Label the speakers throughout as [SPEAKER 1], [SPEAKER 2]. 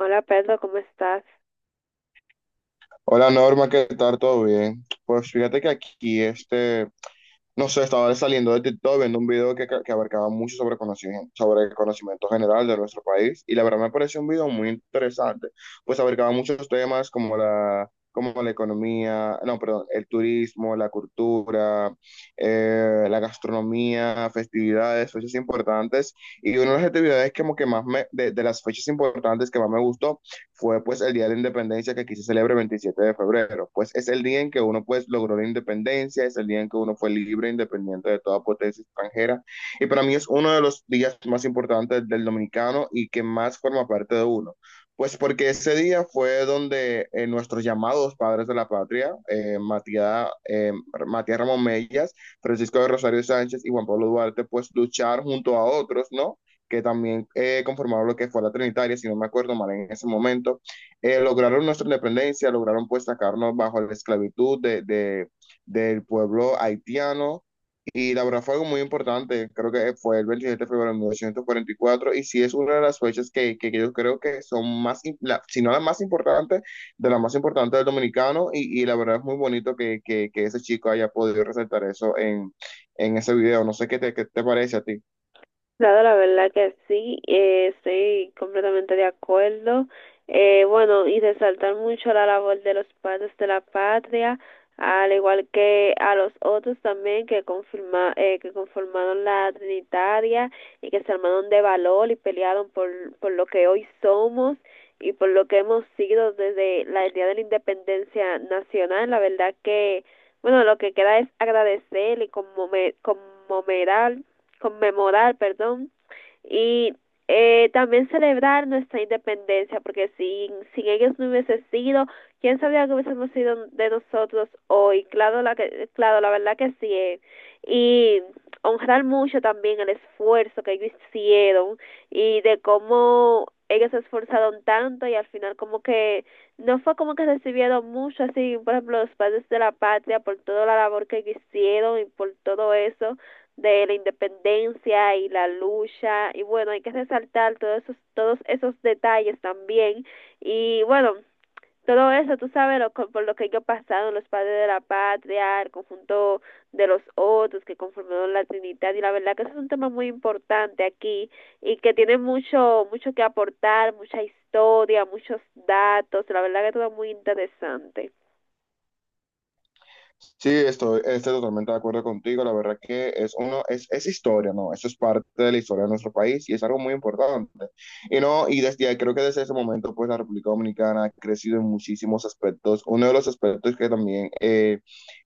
[SPEAKER 1] Hola Pedro, ¿cómo estás?
[SPEAKER 2] Hola Norma, ¿qué tal? ¿Todo bien? Pues fíjate que aquí, este, no sé, estaba saliendo de TikTok viendo un video que abarcaba mucho sobre conocimiento, sobre el conocimiento general de nuestro país y la verdad me pareció un video muy interesante. Pues abarcaba muchos temas como la economía, no, perdón, el turismo, la cultura, la gastronomía, festividades, fechas importantes, y una de las actividades como que de las fechas importantes que más me gustó fue pues el Día de la Independencia, que aquí se celebra el 27 de febrero. Pues es el día en que uno pues logró la independencia, es el día en que uno fue libre, independiente de toda potencia extranjera. Y para mí es uno de los días más importantes del dominicano y que más forma parte de uno. Pues porque ese día fue donde nuestros llamados padres de la patria, Matías Ramón Mellas, Francisco de Rosario Sánchez y Juan Pablo Duarte, pues lucharon junto a otros, ¿no? Que también conformaron lo que fue la Trinitaria, si no me acuerdo mal, en ese momento lograron nuestra independencia, lograron pues sacarnos bajo la esclavitud del pueblo haitiano. Y la verdad fue algo muy importante. Creo que fue el 27 de febrero de 1944 y cuatro, y sí, es una de las fechas que yo creo que son más, la, si no la más importante, de la más importante del dominicano. Y, y la verdad es muy bonito que ese chico haya podido resaltar eso en ese video. No sé qué te parece a ti.
[SPEAKER 1] Claro, la verdad que sí, estoy completamente de acuerdo. Bueno, y resaltar mucho la labor de los padres de la patria, al igual que a los otros también que conformaron la Trinitaria y que se armaron de valor y pelearon por lo que hoy somos y por lo que hemos sido desde el día de la independencia nacional. La verdad que, bueno, lo que queda es agradecer y conmemorar, y también celebrar nuestra independencia, porque sin ellos no hubiese sido, quién sabía que hubiésemos sido de nosotros hoy, claro, la verdad que sí, y honrar mucho también el esfuerzo que ellos hicieron y de cómo ellos se esforzaron tanto y al final como que no fue como que recibieron mucho, así por ejemplo los padres de la patria por toda la labor que hicieron y por todo eso de la independencia y la lucha. Y bueno, hay que resaltar todos esos detalles también. Y bueno, todo eso, tú sabes, por lo que ellos pasaron, los padres de la patria, el conjunto de los otros que conformaron la Trinidad. Y la verdad que ese es un tema muy importante aquí y que tiene mucho que aportar, mucha historia, muchos datos. La verdad que todo muy interesante.
[SPEAKER 2] Sí, estoy totalmente de acuerdo contigo. La verdad que es historia, ¿no? Eso es parte de la historia de nuestro país y es algo muy importante. Y no, y desde ahí, creo que desde ese momento, pues la República Dominicana ha crecido en muchísimos aspectos. Uno de los aspectos que también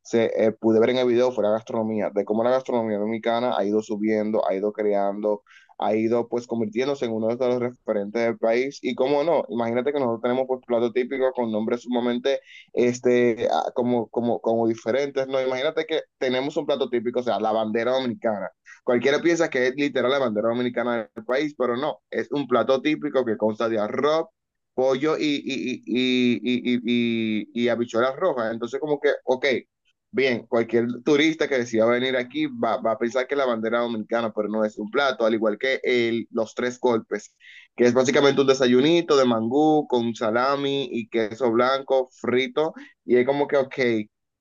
[SPEAKER 2] se pude ver en el video fue la gastronomía, de cómo la gastronomía dominicana ha ido subiendo, ha ido creando, ha ido pues convirtiéndose en uno de los referentes del país. Y cómo no, imagínate que nosotros tenemos pues platos típicos con nombres sumamente como diferentes, ¿no? Imagínate que tenemos un plato típico, o sea, la bandera dominicana. Cualquiera piensa que es literal la bandera dominicana del país, pero no, es un plato típico que consta de arroz, pollo y habichuelas rojas. Entonces, como que, ok, bien, cualquier turista que decida venir aquí va a pensar que la bandera dominicana, pero no, es un plato, al igual que el, los tres golpes, que es básicamente un desayunito de mangú con salami y queso blanco frito. Y es como que, ok,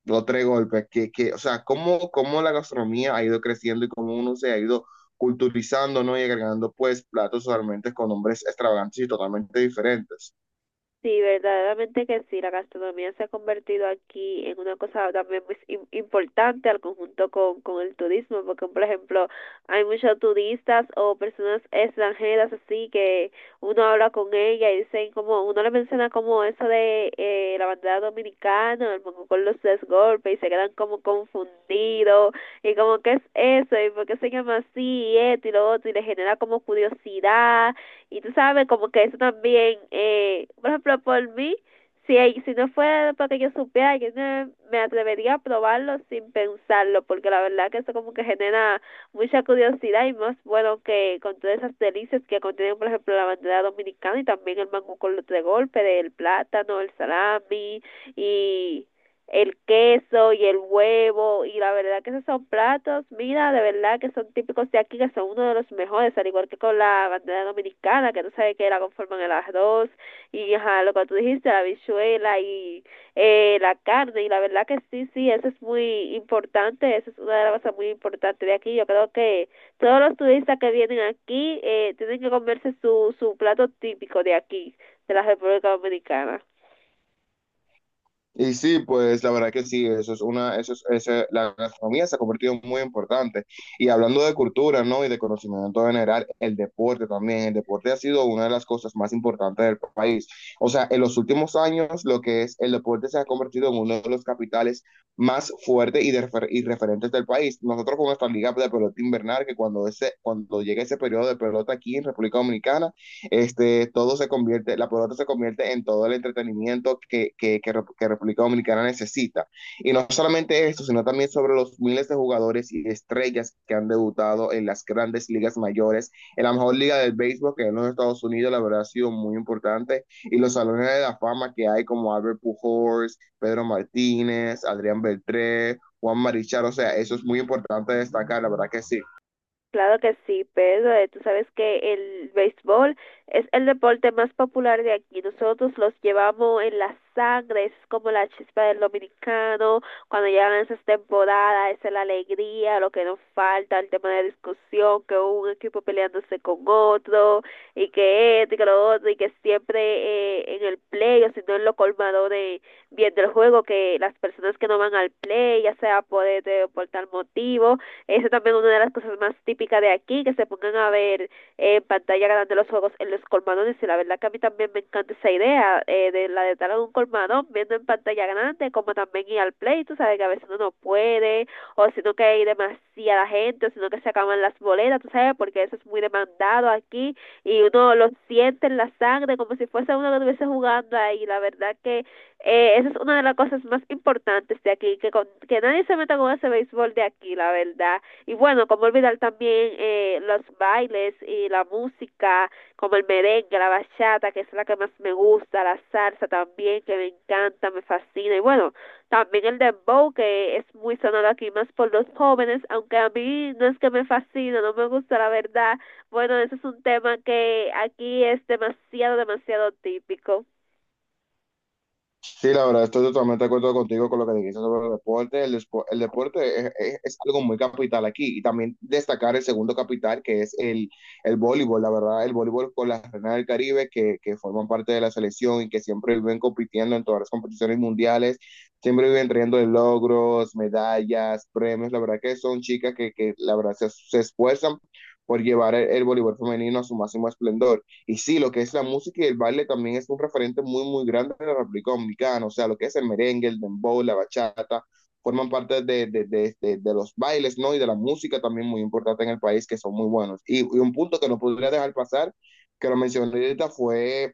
[SPEAKER 2] los tres golpes, o sea, cómo, cómo la gastronomía ha ido creciendo y cómo uno se ha ido culturizando, ¿no? Y agregando pues platos totalmente con nombres extravagantes y totalmente diferentes.
[SPEAKER 1] Sí, verdaderamente que sí, la gastronomía se ha convertido aquí en una cosa también muy importante, al conjunto con el turismo, porque por ejemplo hay muchos turistas o personas extranjeras, así que uno habla con ella y dicen como, uno le menciona como eso de la bandera dominicana, el moco con los tres golpes, y se quedan como confundidos y como ¿qué es eso? ¿Y por qué se llama así? Y esto y lo otro, y le genera como curiosidad. Y tú sabes, como que eso también, por ejemplo, por mí, si no fuera porque yo supiera, yo no me atrevería a probarlo sin pensarlo, porque la verdad que eso como que genera mucha curiosidad. Y más bueno que con todas esas delicias que contienen, por ejemplo, la bandera dominicana, y también el mango con los tres golpes, el plátano, el salami y el queso y el huevo. Y la verdad que esos son platos, mira, de verdad que son típicos de aquí, que son uno de los mejores, al igual que con la bandera dominicana, que tú sabes que la conforman el arroz y, ajá, lo que tú dijiste, la habichuela y la carne. Y la verdad que sí, sí, eso es muy importante, eso es una de las cosas muy importantes de aquí. Yo creo que todos los turistas que vienen aquí tienen que comerse su plato típico de aquí, de la República Dominicana.
[SPEAKER 2] Y sí, pues la verdad que sí, eso es una, eso es, ese- la gastronomía se ha convertido en muy importante. Y hablando de cultura, ¿no? Y de conocimiento general, el deporte también, el deporte ha sido una de las cosas más importantes del país. O sea, en los últimos años, lo que es el deporte se ha convertido en uno de los capitales más fuertes y referentes del país. Nosotros con nuestra liga de pelota invernal, que cuando ese, cuando llega ese periodo de pelota aquí en República Dominicana, este, todo se convierte, la pelota se convierte en todo el entretenimiento que República Dominicana necesita. Y no solamente esto, sino también sobre los miles de jugadores y estrellas que han debutado en las grandes ligas mayores, en la mejor liga del béisbol que en los Estados Unidos, la verdad, ha sido muy importante, y los salones de la fama que hay como Albert Pujols, Pedro Martínez, Adrián Beltré, Juan Marichal. O sea, eso es muy importante destacar, la verdad que sí.
[SPEAKER 1] Claro que sí, Pedro. Tú sabes que el béisbol es el deporte más popular de aquí. Nosotros los llevamos en la sangre, es como la chispa del dominicano. Cuando llegan esas temporadas, esa es la alegría, lo que nos falta, el tema de discusión, que un equipo peleándose con otro, y que esto y que lo otro, y que siempre en el play, o si no en lo colmado de bien del juego, que las personas que no van al play, ya sea por este o por tal motivo, eso también es una de las cosas más típicas de aquí, que se pongan a ver en pantalla grande los juegos en los colmadones. Y la verdad que a mí también me encanta esa idea, de la de estar en un colmadón viendo en pantalla grande, como también ir al play. Tú sabes que a veces uno no puede, o sino que hay demasiada gente, o sino que se acaban las boletas, tú sabes, porque eso es muy demandado aquí y uno lo siente en la sangre como si fuese uno que estuviese jugando ahí. La verdad que esa es una de las cosas más importantes de aquí, que nadie se meta con ese béisbol de aquí, la verdad. Y bueno, como olvidar también los bailes y la música, como el merengue, la bachata, que es la que más me gusta, la salsa también, que me encanta, me fascina. Y bueno, también el dembow, que es muy sonado aquí, más por los jóvenes, aunque a mí no es que me fascina, no me gusta, la verdad. Bueno, ese es un tema que aquí es demasiado, demasiado típico.
[SPEAKER 2] Sí, la verdad, estoy totalmente de acuerdo contigo con lo que dijiste sobre el deporte. El deporte es algo muy capital aquí, y también destacar el segundo capital, que es el voleibol. La verdad, el voleibol con las Reinas del Caribe que forman parte de la selección y que siempre viven compitiendo en todas las competiciones mundiales, siempre viven trayendo logros, medallas, premios. La verdad que son chicas que la verdad se esfuerzan por llevar el voleibol femenino a su máximo esplendor. Y sí, lo que es la música y el baile también es un referente muy, muy grande de la República Dominicana. O sea, lo que es el merengue, el dembow, la bachata, forman parte de los bailes, ¿no? Y de la música también muy importante en el país, que son muy buenos. Y y un punto que no podría dejar pasar, que lo mencioné ahorita, fue,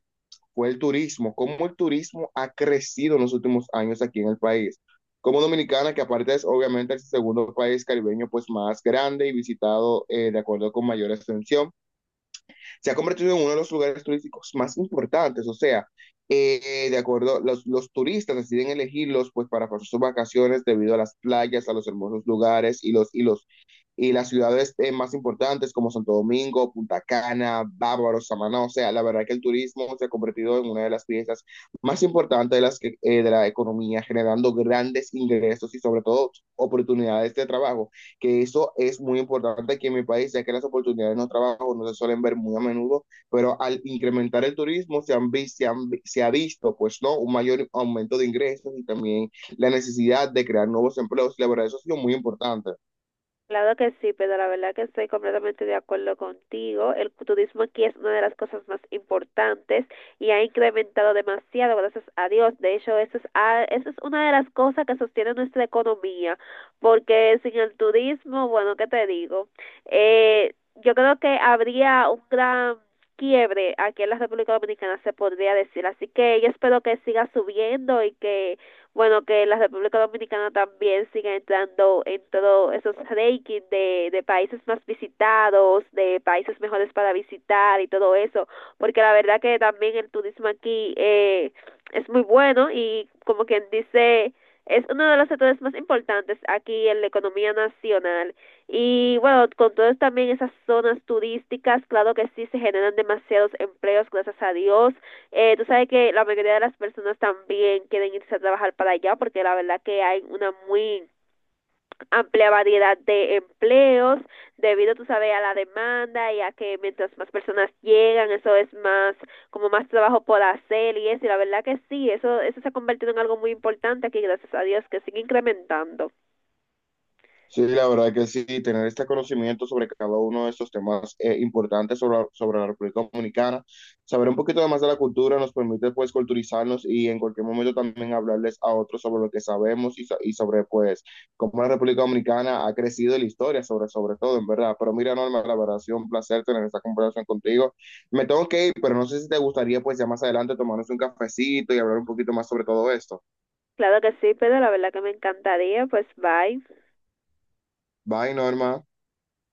[SPEAKER 2] fue el turismo. Cómo el turismo ha crecido en los últimos años aquí en el país. Como Dominicana, que aparte es obviamente el segundo país caribeño pues más grande y visitado, de acuerdo con mayor extensión, se ha convertido en uno de los lugares turísticos más importantes. O sea, de acuerdo, los turistas deciden elegirlos pues para pasar sus vacaciones debido a las playas, a los hermosos lugares y las ciudades más importantes, como Santo Domingo, Punta Cana, Bávaro, Samaná. O sea, la verdad que el turismo se ha convertido en una de las piezas más importantes de la economía, generando grandes ingresos, y sobre todo oportunidades de trabajo, que eso es muy importante aquí en mi país, ya que las oportunidades de los trabajos no se suelen ver muy a menudo. Pero al incrementar el turismo se, han, vi- se, han se ha visto, pues, ¿no?, un mayor aumento de ingresos y también la necesidad de crear nuevos empleos, y la verdad, eso ha sido muy importante.
[SPEAKER 1] Claro que sí, pero la verdad que estoy completamente de acuerdo contigo. El turismo aquí es una de las cosas más importantes y ha incrementado demasiado, gracias a Dios. De hecho, eso es una de las cosas que sostiene nuestra economía, porque sin el turismo, bueno, ¿qué te digo? Eh, yo creo que habría un gran quiebre aquí en la República Dominicana, se podría decir. Así que yo espero que siga subiendo y que, bueno, que la República Dominicana también siga entrando en todos esos rankings de países más visitados, de países mejores para visitar y todo eso, porque la verdad que también el turismo aquí, es muy bueno y, como quien dice, es uno de los sectores más importantes aquí en la economía nacional. Y bueno, con todas también esas zonas turísticas, claro que sí se generan demasiados empleos, gracias a Dios. Tú sabes que la mayoría de las personas también quieren irse a trabajar para allá, porque la verdad que hay una muy amplia variedad de empleos debido, tú sabes, a la demanda y a que mientras más personas llegan, eso es más, como más trabajo por hacer y eso. Y la verdad que sí, eso se ha convertido en algo muy importante aquí, gracias a Dios, que sigue incrementando.
[SPEAKER 2] Sí, la verdad que sí, tener este conocimiento sobre cada uno de estos temas importantes sobre la República Dominicana, saber un poquito más de la cultura nos permite pues culturizarnos, y en cualquier momento también hablarles a otros sobre lo que sabemos, y sobre pues cómo la República Dominicana ha crecido en la historia, sobre todo, en verdad. Pero mira, Norma, la verdad ha sido un placer tener esta conversación contigo. Me tengo que ir, pero no sé si te gustaría pues ya más adelante tomarnos un cafecito y hablar un poquito más sobre todo esto.
[SPEAKER 1] Claro que sí, pero la verdad que me encantaría, pues bye.
[SPEAKER 2] Bye, Norma.